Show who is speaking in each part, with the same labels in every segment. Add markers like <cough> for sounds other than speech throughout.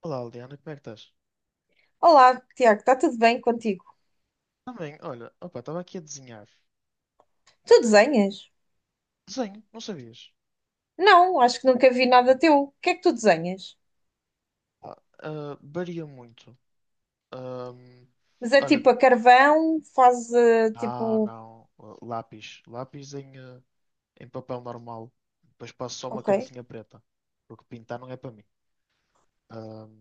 Speaker 1: Olá, Liana, como é que estás?
Speaker 2: Olá, Tiago, está tudo bem contigo?
Speaker 1: Também, olha, opa, estava aqui a desenhar.
Speaker 2: Tu desenhas?
Speaker 1: Desenho, não sabias?
Speaker 2: Não, acho que nunca vi nada teu. O que é que tu desenhas?
Speaker 1: Ah, varia muito. Ahm,
Speaker 2: Mas é
Speaker 1: olha,
Speaker 2: tipo a carvão, faz tipo.
Speaker 1: não, lápis. Lápis em em papel normal. Depois passo só uma
Speaker 2: Ok,
Speaker 1: cantinha preta. Porque pintar não é para mim. Ahm,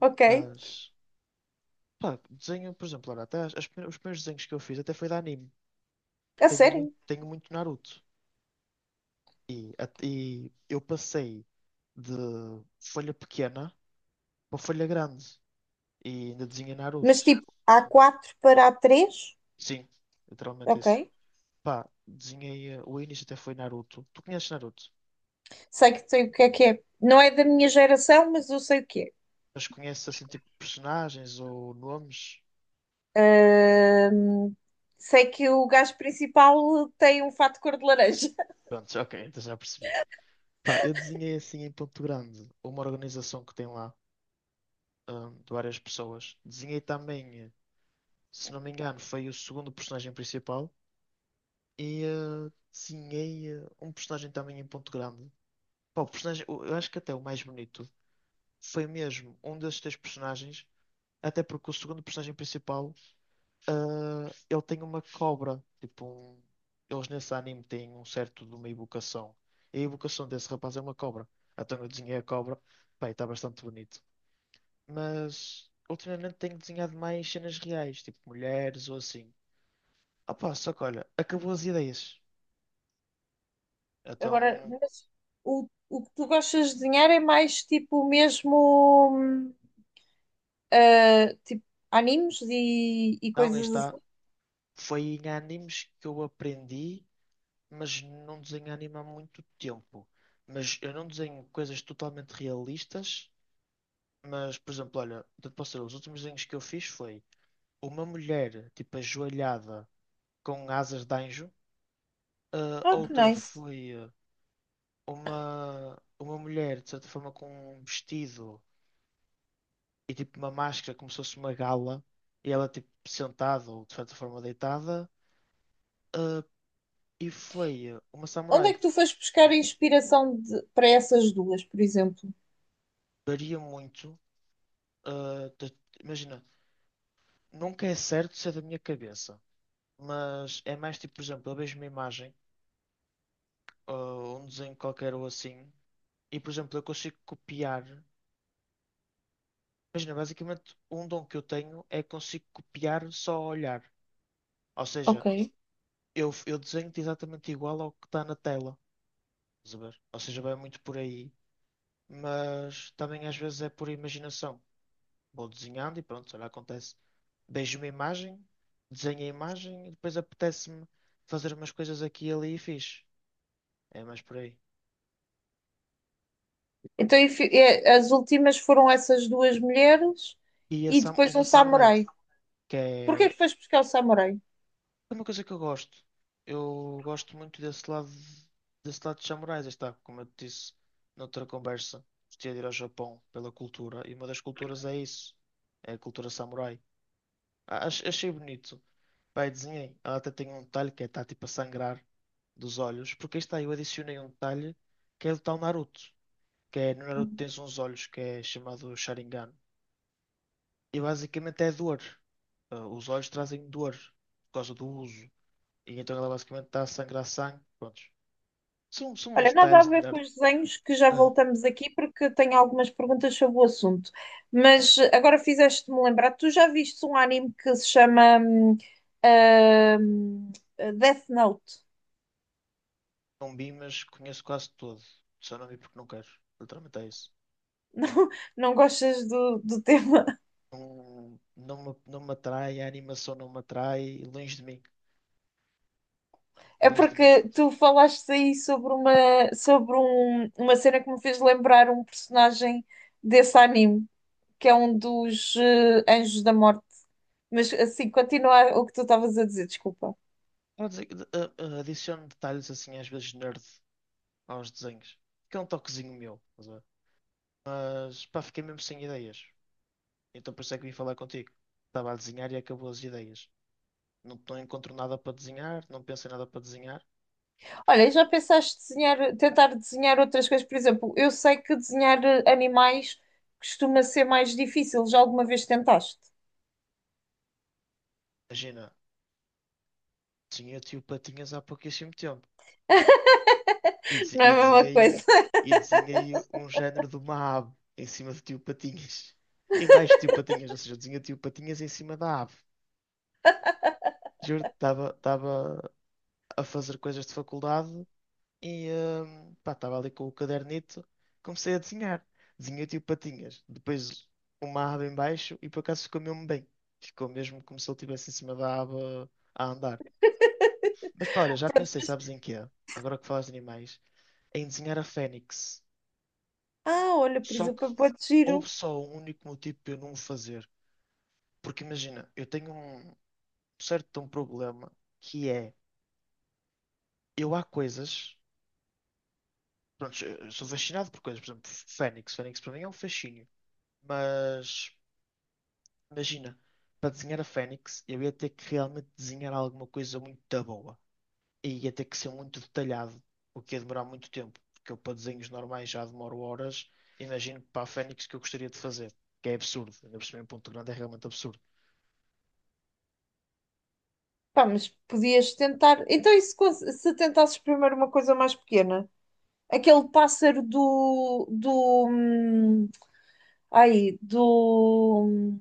Speaker 2: ok.
Speaker 1: mas, pá, desenho, por exemplo, olha, até os primeiros desenhos que eu fiz até foi de anime.
Speaker 2: A sério.
Speaker 1: Tenho muito Naruto. E, e eu passei de folha pequena para folha grande. E ainda desenhei
Speaker 2: Mas
Speaker 1: Naruto.
Speaker 2: tipo, a quatro para a três?
Speaker 1: Sim, literalmente
Speaker 2: Ok.
Speaker 1: isso. Pá, desenhei. O início até foi Naruto. Tu conheces Naruto?
Speaker 2: Sei que sei o que é que é. Não é da minha geração, mas eu sei o que
Speaker 1: Mas conheces assim tipo personagens ou nomes?
Speaker 2: é. Ah, sei que o gajo principal tem um fato de cor de laranja.
Speaker 1: Prontos, ok, então já percebi. Pá, eu desenhei assim em Ponto Grande uma organização que tem lá, de várias pessoas. Desenhei também, se não me engano, foi o segundo personagem principal. E desenhei um personagem também em Ponto Grande. Pá, eu acho que até o mais bonito foi mesmo um desses três personagens. Até porque o segundo personagem principal, ele tem uma cobra. Eles nesse anime têm um certo de uma evocação. E a evocação desse rapaz é uma cobra. Então eu desenhei a cobra. Bem, está bastante bonito. Mas ultimamente tenho desenhado mais cenas reais, tipo mulheres ou assim. Opa, só que olha, acabou as ideias.
Speaker 2: <laughs> Agora,
Speaker 1: Então,
Speaker 2: mas o que tu gostas de desenhar é mais tipo o mesmo. Ah, tipo, animes e
Speaker 1: não, aí
Speaker 2: coisas
Speaker 1: está.
Speaker 2: assim.
Speaker 1: Foi em animes que eu aprendi, mas não desenho anime há muito tempo. Mas eu não desenho coisas totalmente realistas. Mas, por exemplo, olha, eu te posso dizer, os últimos desenhos que eu fiz foi uma mulher, tipo, ajoelhada com asas de anjo,
Speaker 2: Ah, que
Speaker 1: outra
Speaker 2: nice.
Speaker 1: foi uma mulher, de certa forma, com um vestido e, tipo, uma máscara, como se fosse uma gala, e ela, tipo, sentada ou, de certa forma, deitada, ah, e foi uma
Speaker 2: Onde é
Speaker 1: samurai.
Speaker 2: que tu foste buscar
Speaker 1: Diz,
Speaker 2: a inspiração de- para essas duas, por exemplo?
Speaker 1: varia muito, ah, de- imagina, nunca é certo se é da minha cabeça, mas é mais, tipo, por exemplo, eu vejo uma imagem ou um desenho qualquer ou assim, e por exemplo, eu consigo copiar. Imagina, basicamente, um dom que eu tenho é que consigo copiar só ao olhar. Ou
Speaker 2: Ok.
Speaker 1: seja, eu desenho-te exatamente igual ao que está na tela. Estás a ver? Ou seja, vai muito por aí, mas também às vezes é por imaginação. Vou desenhando e pronto, olha, acontece. Vejo uma imagem, desenho a imagem e depois apetece-me fazer umas coisas aqui e ali e fiz. É mais por aí.
Speaker 2: Então, e fi- e as últimas foram essas duas mulheres
Speaker 1: E
Speaker 2: e depois
Speaker 1: uma
Speaker 2: um
Speaker 1: samurai,
Speaker 2: samurai.
Speaker 1: que
Speaker 2: Porquê é
Speaker 1: é.
Speaker 2: que foste buscar o samurai?
Speaker 1: É uma coisa que eu gosto. Eu gosto muito desse lado de samurais. Aí está, como eu te disse noutra conversa, gostaria de ir ao Japão pela cultura. E uma das culturas é isso. É a cultura samurai. Achei bonito. Pai, desenhei. Ela até tem um detalhe que é, está tipo a sangrar dos olhos. Porque aí está, eu adicionei um detalhe que é do tal Naruto. Que é, no Naruto tens uns olhos que é chamado Sharingan. E basicamente é dor. Os olhos trazem dor por causa do uso. E então ela basicamente está a sangrar sangue. Prontos. São
Speaker 2: Olha,
Speaker 1: uns
Speaker 2: nada a
Speaker 1: detalhes de
Speaker 2: ver com
Speaker 1: nerd.
Speaker 2: os desenhos, que já
Speaker 1: Ah,
Speaker 2: voltamos aqui porque tenho algumas perguntas sobre o assunto. Mas agora fizeste-me lembrar, tu já viste um anime que se chama hum, Death Note?
Speaker 1: não vi, mas conheço quase todo. Só não vi porque não quero. Literalmente é isso.
Speaker 2: <laughs> Não, não gostas do tema?
Speaker 1: Não, não me atrai, a animação não me atrai. Longe de mim.
Speaker 2: É
Speaker 1: Longe de mim.
Speaker 2: porque tu falaste aí sobre uma, sobre um- uma cena que me fez lembrar um personagem desse anime, que é um dos Anjos da Morte. Mas assim, continua o que tu estavas a dizer, desculpa.
Speaker 1: Vou dizer que, adiciono detalhes assim, às vezes nerd, aos desenhos. Que é um toquezinho meu. Estás a ver? Mas pá, fiquei mesmo sem ideias. Então por isso é que vim falar contigo. Estava a desenhar e acabou as ideias. Não, não encontro nada para desenhar, não penso em nada para desenhar.
Speaker 2: Olha, e já pensaste desenhar, tentar desenhar outras coisas? Por exemplo, eu sei que desenhar animais costuma ser mais difícil. Já alguma vez tentaste?
Speaker 1: Imagina. Sim, eu tive patinhas há pouquíssimo tempo. E,
Speaker 2: <laughs> Não é a mesma coisa. <laughs>
Speaker 1: e desenhei um género de uma ave em cima de tio patinhas. <laughs> Em baixo de tio patinhas, ou seja, desenhei tio patinhas em cima da ave. Juro, estava a fazer coisas de faculdade e estava ali com o cadernito, comecei a desenhar. Desenhei tio patinhas, depois uma ave em baixo e por acaso ficou mesmo bem. Ficou mesmo como se ele estivesse em cima da ave a andar. Mas pá, olha, já pensei, sabes em quê? Agora que falas de animais. Em desenhar a Fênix.
Speaker 2: Ah, olha, por
Speaker 1: Só que
Speaker 2: exemplo, pode
Speaker 1: houve
Speaker 2: giro.
Speaker 1: só um único motivo para eu não o fazer. Porque imagina, eu tenho um certo de um problema que é eu há coisas. Pronto, eu sou fascinado por coisas, por exemplo, Fênix. Fênix para mim é um fascínio. Mas imagina, para desenhar a Fênix, eu ia ter que realmente desenhar alguma coisa muito boa. E ia ter que ser muito detalhado, o que ia demorar muito tempo, porque eu para desenhos normais já demoro horas, imagino para a Fênix que eu gostaria de fazer, que é absurdo, ainda por cima em Ponto Grande é realmente absurdo.
Speaker 2: Pá, mas podias tentar. Então, e se, cons- se tentasses primeiro uma coisa mais pequena? Aquele pássaro do, do, hum, ai, do,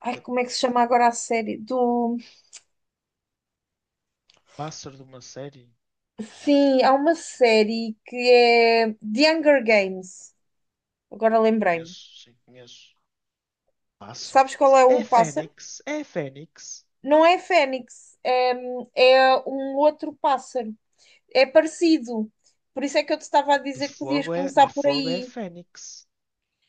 Speaker 2: ai, como é que se chama agora a série? Do,
Speaker 1: Pássaro de uma série?
Speaker 2: sim, há uma série que é The Hunger Games. Agora lembrei-me.
Speaker 1: Conheço, sim, conheço. Pássaro?
Speaker 2: Sabes qual é o
Speaker 1: É
Speaker 2: pássaro?
Speaker 1: Fênix, é Fênix.
Speaker 2: Não é fênix, é, é um outro pássaro. É parecido. Por isso é que eu te estava a dizer que podias
Speaker 1: De
Speaker 2: começar por
Speaker 1: fogo é
Speaker 2: aí.
Speaker 1: Fênix.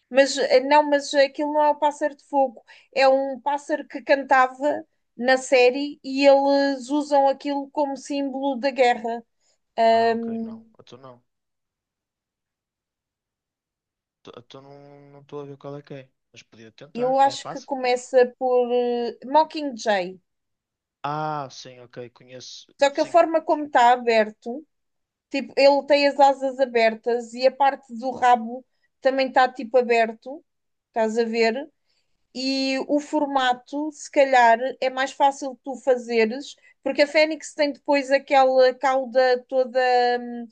Speaker 2: Mas não, mas aquilo não é o pássaro de fogo. É um pássaro que cantava na série e eles usam aquilo como símbolo da guerra.
Speaker 1: Ah, ok, não, eu não. Eu não estou a ver qual é que é, mas podia tentar,
Speaker 2: Eu
Speaker 1: é
Speaker 2: acho que
Speaker 1: fácil.
Speaker 2: começa por Mockingjay.
Speaker 1: Ah, sim, ok, conheço,
Speaker 2: Só que a
Speaker 1: sim,
Speaker 2: forma como está aberto. Tipo, ele tem as asas abertas e a parte do rabo também está tipo aberto, estás a ver? E o formato, se calhar, é mais fácil tu fazeres, porque a Fênix tem depois aquela cauda toda hum,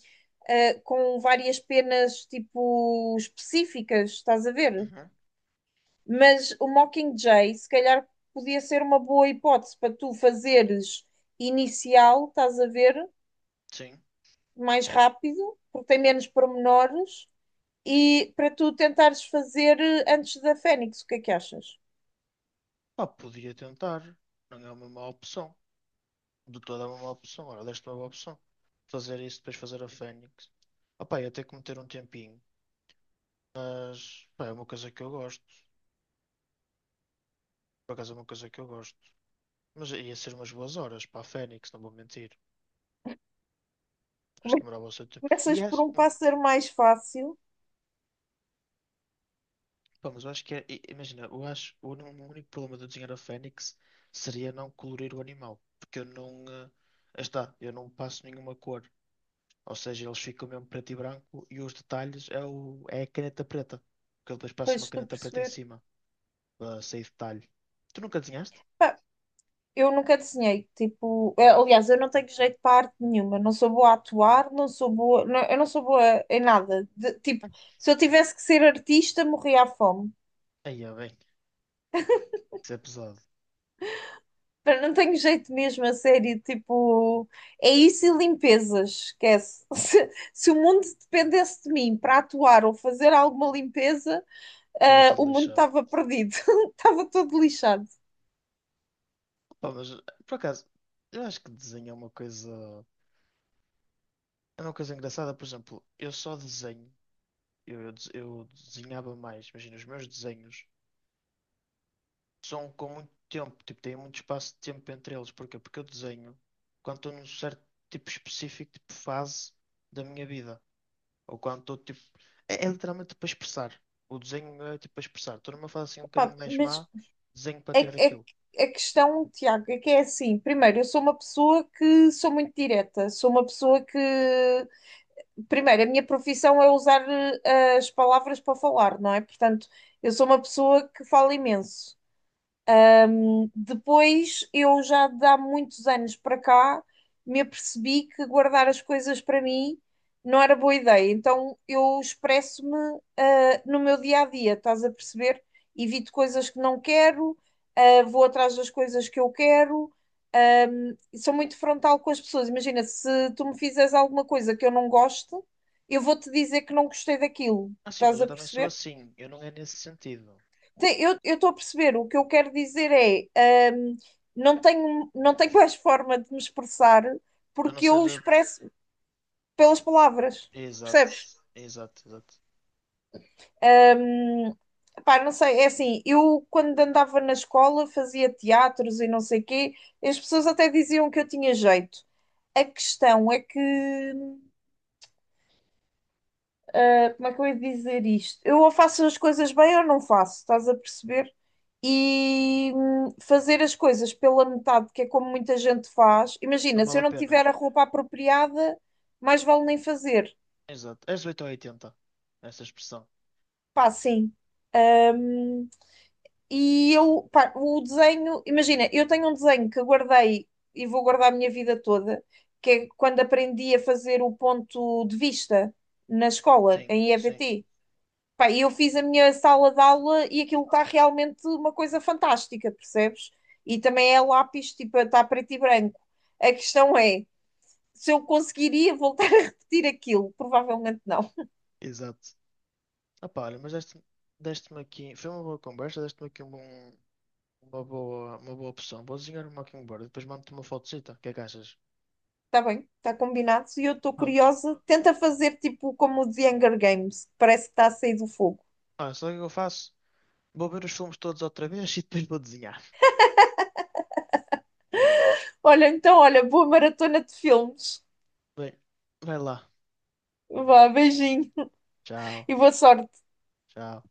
Speaker 2: com várias penas tipo específicas, estás a ver?
Speaker 1: uhum,
Speaker 2: Mas o Mockingjay, se calhar, podia ser uma boa hipótese para tu fazeres inicial, estás a ver?
Speaker 1: sim.
Speaker 2: Mais rápido, porque tem menos pormenores e para tu tentares fazer antes da Fênix, o que é que achas?
Speaker 1: Pá, podia tentar. Não é uma má opção. De toda é uma má opção. Ora, deste é uma boa opção. Fazer isso, depois fazer a Fênix. Ah, pá, ia ter que meter um tempinho. Mas, pá, é uma coisa que eu gosto. Por acaso é uma coisa que eu gosto. Mas ia ser umas boas horas para a Fênix, não vou mentir. Acho
Speaker 2: Como
Speaker 1: que
Speaker 2: é que
Speaker 1: demorava o seu tempo. E
Speaker 2: começas por
Speaker 1: acho.
Speaker 2: um pássaro mais fácil,
Speaker 1: Pá, mas eu acho que é. Imagina, eu acho. O único problema de eu desenhar a Fênix seria não colorir o animal. Porque eu não. Aí está, eu não passo nenhuma cor. Ou seja, eles ficam mesmo preto e branco e os detalhes é, é a caneta preta. Porque eu depois passo uma
Speaker 2: depois tu
Speaker 1: caneta preta em
Speaker 2: perceber.
Speaker 1: cima para sair detalhe. Tu nunca desenhaste?
Speaker 2: Pá, eu nunca desenhei, tipo, aliás, eu não tenho jeito para arte nenhuma, não sou boa a atuar, não sou boa, não- eu não sou boa em nada. De- tipo, se eu tivesse que ser artista, morria à fome.
Speaker 1: Aí é bem, isso é pesado.
Speaker 2: Pá, não tenho jeito mesmo, a sério, tipo, é isso e limpezas, esquece. <laughs> Se o mundo dependesse de mim para atuar ou fazer alguma limpeza,
Speaker 1: Eu
Speaker 2: ah,
Speaker 1: tudo
Speaker 2: o mundo
Speaker 1: lixado.
Speaker 2: estava perdido, <laughs> estava todo lixado.
Speaker 1: Pá, mas por acaso, eu acho que desenho é uma coisa. É uma coisa engraçada. Por exemplo, eu só desenho. Eu desenhava mais. Imagina, os meus desenhos são com muito tempo. Tipo, tem muito espaço de tempo entre eles. Porquê? Porque eu desenho quando estou num certo tipo específico, tipo fase da minha vida. Ou quando estou tipo. É literalmente para expressar. O desenho é tipo para expressar. Estou numa fase assim um
Speaker 2: Pá,
Speaker 1: bocadinho mais
Speaker 2: mas
Speaker 1: má, desenho para tirar
Speaker 2: é, é,
Speaker 1: aquilo.
Speaker 2: a questão, Tiago, é que é assim: primeiro, eu sou uma pessoa que sou muito direta, sou uma pessoa que. Primeiro, a minha profissão é usar as palavras para falar, não é? Portanto, eu sou uma pessoa que fala imenso. Depois, eu já de há muitos anos para cá me apercebi que guardar as coisas para mim não era boa ideia. Então, eu expresso-me, ah, no meu dia a dia, estás a perceber? Evito coisas que não quero, ah, vou atrás das coisas que eu quero. Um, e sou muito frontal com as pessoas. Imagina, se tu me fizeres alguma coisa que eu não gosto, eu vou-te dizer que não gostei daquilo.
Speaker 1: Ah, sim, mas
Speaker 2: Estás
Speaker 1: eu
Speaker 2: a
Speaker 1: também sou
Speaker 2: perceber?
Speaker 1: assim. Eu não é nesse sentido.
Speaker 2: Sim, eu estou a perceber. O que eu quero dizer é, não tenho <laughs> mais forma de me expressar
Speaker 1: A não
Speaker 2: porque
Speaker 1: ser.
Speaker 2: eu expresso pelas palavras, percebes?
Speaker 1: Exato, exato, exato.
Speaker 2: Pá, não sei, é assim, eu quando andava na escola fazia teatros e não sei quê, as pessoas até diziam que eu tinha jeito. A questão é que como é que eu ia dizer isto? Eu ou faço as coisas bem ou não faço, estás a perceber? E fazer as coisas pela metade, que é como muita gente faz.
Speaker 1: Não
Speaker 2: Imagina, se
Speaker 1: vale
Speaker 2: eu
Speaker 1: a
Speaker 2: não
Speaker 1: pena.
Speaker 2: tiver a roupa apropriada, mais vale nem fazer.
Speaker 1: Exato. És 8 ou 80. Essa expressão.
Speaker 2: Pá, sim. Hum, e eu, pá, o desenho, imagina, eu tenho um desenho que guardei e vou guardar a minha vida toda, que é quando aprendi a fazer o ponto de vista na escola,
Speaker 1: Sim,
Speaker 2: em
Speaker 1: sim.
Speaker 2: EVT. Pá, e eu fiz a minha sala de aula e aquilo está realmente uma coisa fantástica, percebes? E também é lápis, tipo, está preto e branco. A questão é, se eu conseguiria voltar <laughs> a repetir aquilo, provavelmente não.
Speaker 1: Exato. Ah, pá, deste-me aqui. Foi uma boa conversa, deste-me aqui um bom- uma boa opção. Vou desenhar um Mockingbird e depois mando-te uma fotocita. O que é que achas?
Speaker 2: Está bem, está combinado. E eu estou
Speaker 1: Prontos.
Speaker 2: curiosa. Tenta fazer tipo como o The Hunger Games, que parece que está a sair do fogo.
Speaker 1: Ah, sabe o que eu faço? Vou ver os filmes todos outra vez <laughs> e depois vou desenhar.
Speaker 2: Olha, então, olha, boa maratona de filmes.
Speaker 1: Bem, vai lá.
Speaker 2: Vá, beijinho
Speaker 1: Tchau,
Speaker 2: e boa sorte.
Speaker 1: tchau.